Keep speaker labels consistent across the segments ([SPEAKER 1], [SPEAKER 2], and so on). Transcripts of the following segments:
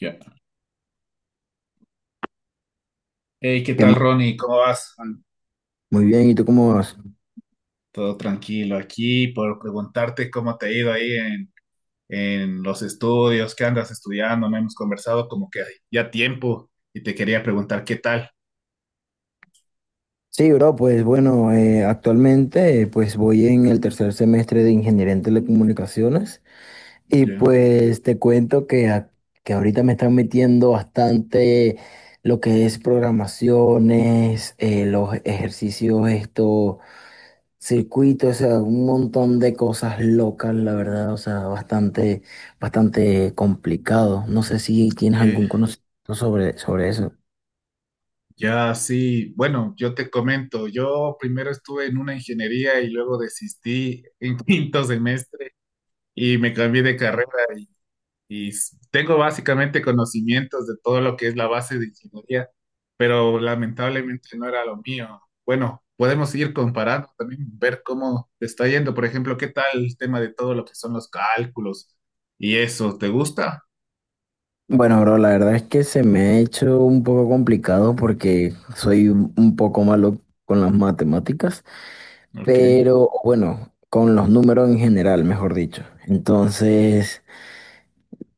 [SPEAKER 1] Ya. Hey, ¿qué
[SPEAKER 2] ¿Qué
[SPEAKER 1] tal,
[SPEAKER 2] más,
[SPEAKER 1] Ronnie? ¿Cómo vas?
[SPEAKER 2] Juan? Muy bien, ¿y tú cómo vas?
[SPEAKER 1] Todo tranquilo aquí por preguntarte cómo te ha ido ahí en los estudios, qué andas estudiando. No hemos conversado como que ya tiempo y te quería preguntar qué tal.
[SPEAKER 2] Sí, bro, pues bueno, actualmente pues voy en el 3er semestre de Ingeniería en Telecomunicaciones y
[SPEAKER 1] Ya,
[SPEAKER 2] pues te cuento que, que ahorita me están metiendo bastante lo que es programaciones, los ejercicios, esto, circuitos, o sea, un montón de cosas locas, la verdad, o sea, bastante, bastante complicado. No sé si tienes
[SPEAKER 1] que
[SPEAKER 2] algún conocimiento sobre, sobre eso.
[SPEAKER 1] ya sí. Bueno, yo te comento, yo primero estuve en una ingeniería y luego desistí en quinto semestre y me cambié de carrera y tengo básicamente conocimientos de todo lo que es la base de ingeniería, pero lamentablemente no era lo mío. Bueno, podemos ir comparando también, ver cómo te está yendo. Por ejemplo, ¿qué tal el tema de todo lo que son los cálculos y eso? ¿Te gusta?
[SPEAKER 2] Bueno, bro, la verdad es que se me ha hecho un poco complicado porque soy un poco malo con las matemáticas,
[SPEAKER 1] Ok,
[SPEAKER 2] pero bueno, con los números en general, mejor dicho. Entonces,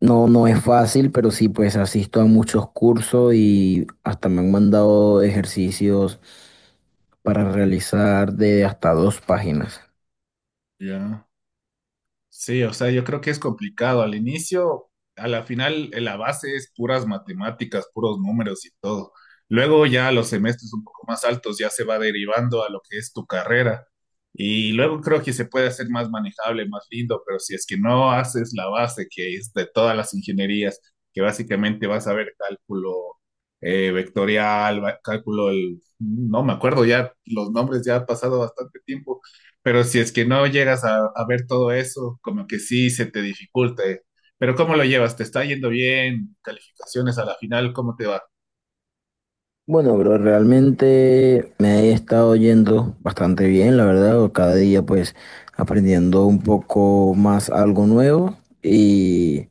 [SPEAKER 2] no, no es fácil, pero sí, pues asisto a muchos cursos y hasta me han mandado ejercicios para realizar de hasta 2 páginas.
[SPEAKER 1] ya. Sí, o sea, yo creo que es complicado al inicio, a la final la base es puras matemáticas, puros números y todo. Luego ya los semestres un poco más altos ya se va derivando a lo que es tu carrera. Y luego creo que se puede hacer más manejable, más lindo, pero si es que no haces la base, que es de todas las ingenierías, que básicamente vas a ver cálculo vectorial, cálculo, no me acuerdo ya los nombres, ya ha pasado bastante tiempo, pero si es que no llegas a ver todo eso, como que sí se te dificulta, ¿eh? Pero ¿cómo lo llevas? ¿Te está yendo bien? ¿Calificaciones a la final? ¿Cómo te va?
[SPEAKER 2] Bueno, bro, realmente me he estado yendo bastante bien, la verdad, cada día pues aprendiendo un poco más algo nuevo y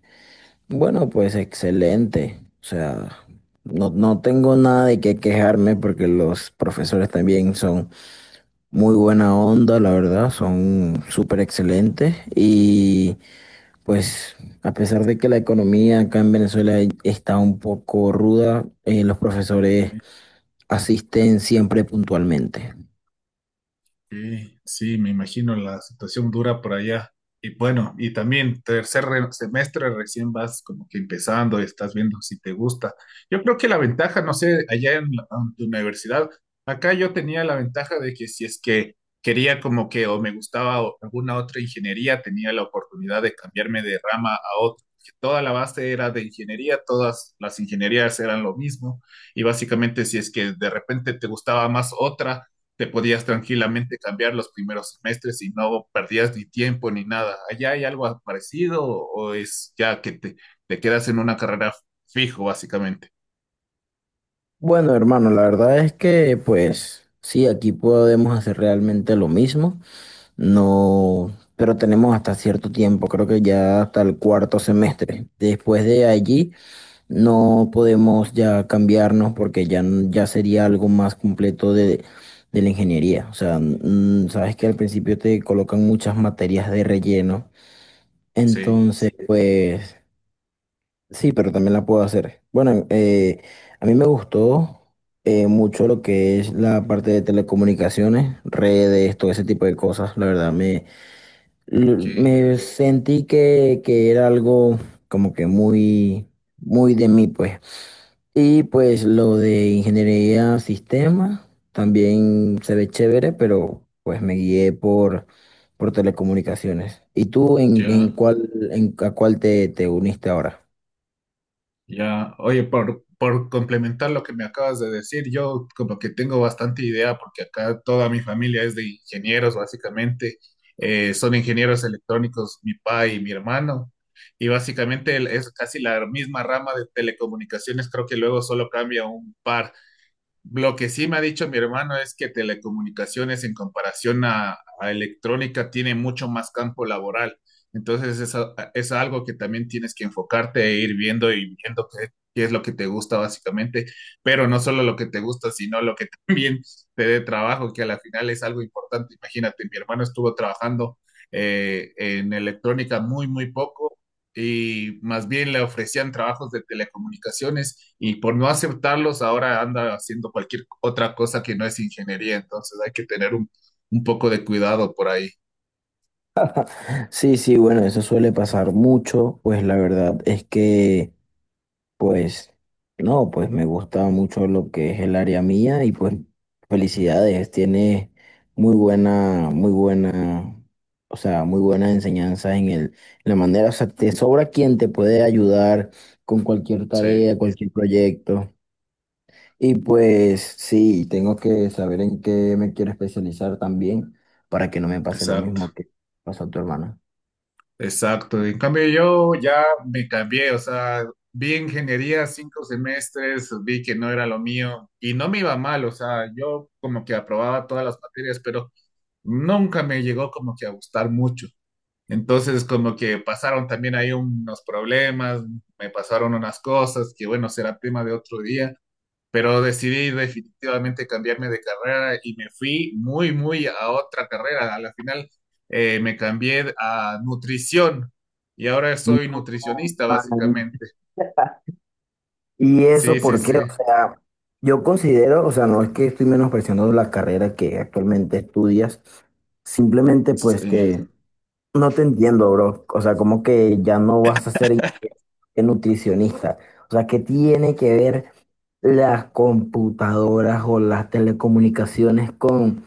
[SPEAKER 2] bueno, pues excelente. O sea, no, no tengo nada de qué quejarme porque los profesores también son muy buena onda, la verdad, son súper excelentes y pues a pesar de que la economía acá en Venezuela está un poco ruda, los profesores asisten siempre puntualmente.
[SPEAKER 1] Sí, sí, me imagino la situación dura por allá. Y bueno, y también tercer semestre recién vas como que empezando, estás viendo si te gusta. Yo creo que la ventaja, no sé, en tu universidad, acá yo tenía la ventaja de que si es que quería como que o me gustaba alguna otra ingeniería, tenía la oportunidad de cambiarme de rama a otra. Que toda la base era de ingeniería, todas las ingenierías eran lo mismo. Y básicamente si es que de repente te gustaba más otra, te podías tranquilamente cambiar los primeros semestres y no perdías ni tiempo ni nada. ¿Allá hay algo parecido o es ya que te quedas en una carrera fijo, básicamente?
[SPEAKER 2] Bueno, hermano, la verdad es que, pues, sí, aquí podemos hacer realmente lo mismo, no, pero tenemos hasta cierto tiempo, creo que ya hasta el 4to semestre. Después de allí, no podemos ya cambiarnos porque ya, ya sería algo más completo de la ingeniería. O sea, sabes que al principio te colocan muchas materias de relleno,
[SPEAKER 1] Sí,
[SPEAKER 2] entonces, pues... Sí, pero también la puedo hacer. Bueno, a mí me gustó mucho lo que es la parte de telecomunicaciones, redes, todo ese tipo de cosas. La verdad, me,
[SPEAKER 1] que
[SPEAKER 2] me sentí que era algo como que muy, muy de mí, pues. Y pues lo de ingeniería sistema también se ve chévere, pero pues me guié por telecomunicaciones. ¿Y tú en
[SPEAKER 1] ya.
[SPEAKER 2] cuál, en, a cuál te, te uniste ahora?
[SPEAKER 1] ya, oye, por complementar lo que me acabas de decir, yo como que tengo bastante idea porque acá toda mi familia es de ingenieros, básicamente. Son ingenieros electrónicos, mi papá y mi hermano, y básicamente es casi la misma rama de telecomunicaciones, creo que luego solo cambia un par. Lo que sí me ha dicho mi hermano es que telecomunicaciones en comparación a electrónica tiene mucho más campo laboral. Entonces es, es algo que también tienes que enfocarte e ir viendo y viendo qué, qué es lo que te gusta básicamente, pero no solo lo que te gusta, sino lo que también te dé trabajo, que a la final es algo importante. Imagínate, mi hermano estuvo trabajando en electrónica muy, muy poco y más bien le ofrecían trabajos de telecomunicaciones y por no aceptarlos ahora anda haciendo cualquier otra cosa que no es ingeniería, entonces hay que tener un poco de cuidado por ahí.
[SPEAKER 2] Sí, sí, bueno, eso suele pasar mucho, pues la verdad es que, pues, no, pues me gusta mucho lo que es el área mía y pues felicidades, tiene muy buena, o sea, muy buena enseñanza en el, en la manera, o sea, te sobra quien te puede ayudar con cualquier
[SPEAKER 1] Sí,
[SPEAKER 2] tarea, cualquier proyecto. Y pues sí, tengo que saber en qué me quiero especializar también para que no me pase lo
[SPEAKER 1] exacto,
[SPEAKER 2] mismo que pasó a tu hermana.
[SPEAKER 1] exacto. En cambio yo ya me cambié, o sea, vi ingeniería cinco semestres, vi que no era lo mío y no me iba mal, o sea, yo como que aprobaba todas las materias, pero nunca me llegó como que a gustar mucho. Entonces, como que pasaron también ahí unos problemas, me pasaron unas cosas que, bueno, será tema de otro día, pero decidí definitivamente cambiarme de carrera y me fui muy, muy a otra carrera. A la final me cambié a nutrición y ahora soy
[SPEAKER 2] No,
[SPEAKER 1] nutricionista,
[SPEAKER 2] man.
[SPEAKER 1] básicamente.
[SPEAKER 2] ¿Y
[SPEAKER 1] Sí,
[SPEAKER 2] eso
[SPEAKER 1] sí,
[SPEAKER 2] por
[SPEAKER 1] sí.
[SPEAKER 2] qué? O sea, yo considero, o sea, no es que estoy menospreciando la carrera que actualmente estudias, simplemente pues
[SPEAKER 1] Sí.
[SPEAKER 2] que no te entiendo, bro. O sea, como que ya no vas a ser ingeniero, nutricionista. O sea, ¿qué tiene que ver las computadoras o las telecomunicaciones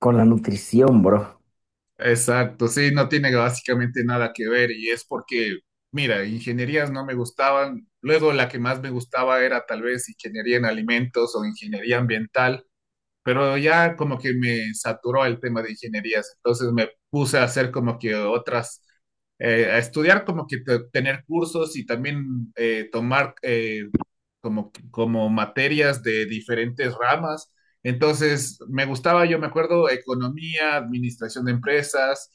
[SPEAKER 2] con la nutrición, bro?
[SPEAKER 1] Exacto, sí, no tiene básicamente nada que ver y es porque, mira, ingenierías no me gustaban, luego la que más me gustaba era tal vez ingeniería en alimentos o ingeniería ambiental, pero ya como que me saturó el tema de ingenierías, entonces me puse a hacer como que otras, a estudiar como que tener cursos y también tomar como materias de diferentes ramas. Entonces me gustaba, yo me acuerdo, economía, administración de empresas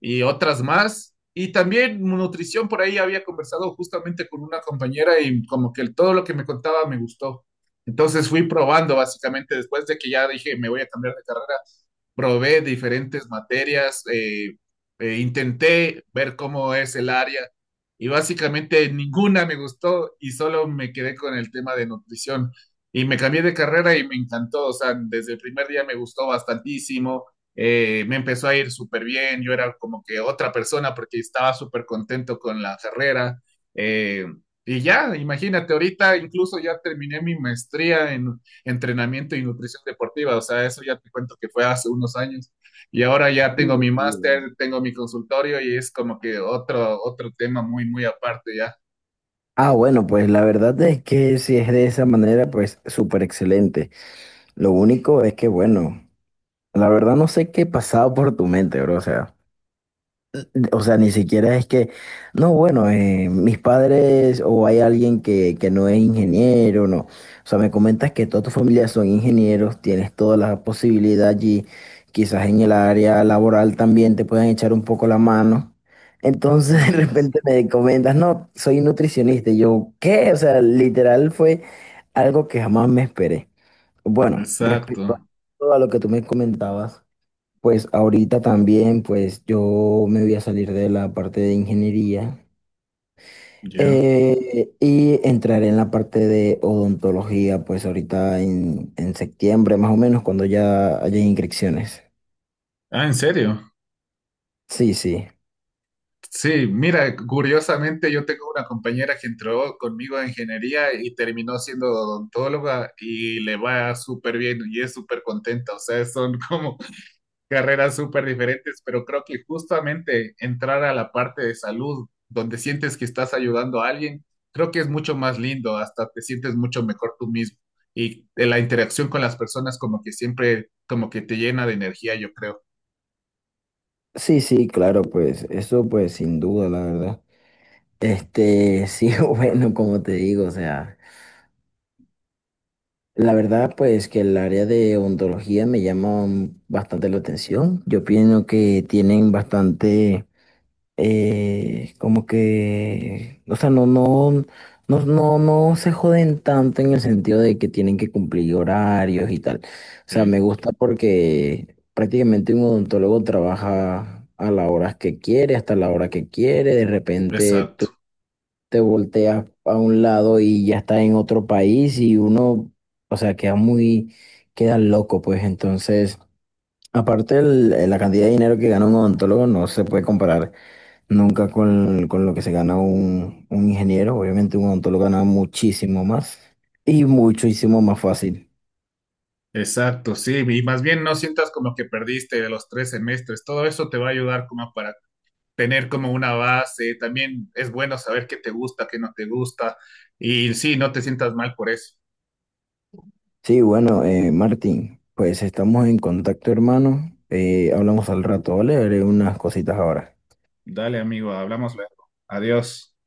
[SPEAKER 1] y otras más. Y también nutrición, por ahí había conversado justamente con una compañera y como que todo lo que me contaba me gustó. Entonces fui probando básicamente después de que ya dije me voy a cambiar de carrera, probé diferentes materias, intenté ver cómo es el área y básicamente ninguna me gustó y solo me quedé con el tema de nutrición y me cambié de carrera y me encantó, o sea, desde el primer día me gustó bastantísimo, me empezó a ir súper bien, yo era como que otra persona porque estaba súper contento con la carrera. eh, y ya, imagínate, ahorita incluso ya terminé mi maestría en entrenamiento y nutrición deportiva, o sea, eso ya te cuento que fue hace unos años. Y ahora ya
[SPEAKER 2] Sí,
[SPEAKER 1] tengo mi
[SPEAKER 2] sí.
[SPEAKER 1] máster, tengo mi consultorio y es como que otro, otro tema muy, muy aparte ya.
[SPEAKER 2] Ah, bueno, pues la verdad es que si es de esa manera, pues súper excelente. Lo único es que, bueno, la verdad no sé qué pasaba por tu mente, bro. O sea, ni siquiera es que, no, bueno, mis padres o hay alguien que no es ingeniero, no. O sea, me comentas que toda tu familia son ingenieros, tienes toda la posibilidad allí, quizás en el área laboral también te puedan echar un poco la mano. Entonces de
[SPEAKER 1] Sí,
[SPEAKER 2] repente me comentas, no, soy nutricionista. Y yo, ¿qué? O sea, literal fue algo que jamás me esperé. Bueno, respecto a
[SPEAKER 1] exacto,
[SPEAKER 2] todo a lo que tú me comentabas, pues ahorita también, pues yo me voy a salir de la parte de ingeniería
[SPEAKER 1] ya.
[SPEAKER 2] y entraré en la parte de odontología, pues ahorita en septiembre, más o menos, cuando ya haya inscripciones.
[SPEAKER 1] Ah, ¿en serio?
[SPEAKER 2] Sí, sí,
[SPEAKER 1] Sí, mira, curiosamente yo tengo una compañera que entró conmigo a ingeniería y terminó siendo odontóloga y le va súper bien y es súper contenta. O sea, son como carreras súper diferentes, pero creo que justamente entrar a la parte de salud, donde sientes que estás ayudando a alguien, creo que es mucho más lindo, hasta te sientes mucho mejor tú mismo. Y de la interacción con las personas como que siempre, como que te llena de energía, yo creo.
[SPEAKER 2] sí, sí, claro, pues eso pues sin duda, la verdad. Este, sí, bueno, como te digo, o sea. La verdad, pues que el área de odontología me llama bastante la atención. Yo pienso que tienen bastante, como que, o sea, no, no, no, no, no se joden tanto en el sentido de que tienen que cumplir horarios y tal. O sea,
[SPEAKER 1] Que
[SPEAKER 2] me gusta porque prácticamente un odontólogo trabaja a las horas que quiere, hasta la hora que quiere. De repente
[SPEAKER 1] Exacto.
[SPEAKER 2] te volteas a un lado y ya estás en otro país y uno, o sea, queda muy, queda loco, pues entonces, aparte la cantidad de dinero que gana un odontólogo no se puede comparar nunca con, con lo que se gana un ingeniero, obviamente un odontólogo gana muchísimo más y muchísimo más fácil.
[SPEAKER 1] Exacto, sí, y más bien no sientas como que perdiste de los tres semestres, todo eso te va a ayudar como para tener como una base, también es bueno saber qué te gusta, qué no te gusta, y sí, no te sientas mal por eso.
[SPEAKER 2] Sí, bueno, Martín, pues estamos en contacto, hermano. Hablamos al rato, ¿vale? Haré unas cositas ahora.
[SPEAKER 1] Dale, amigo, hablamos luego. Adiós.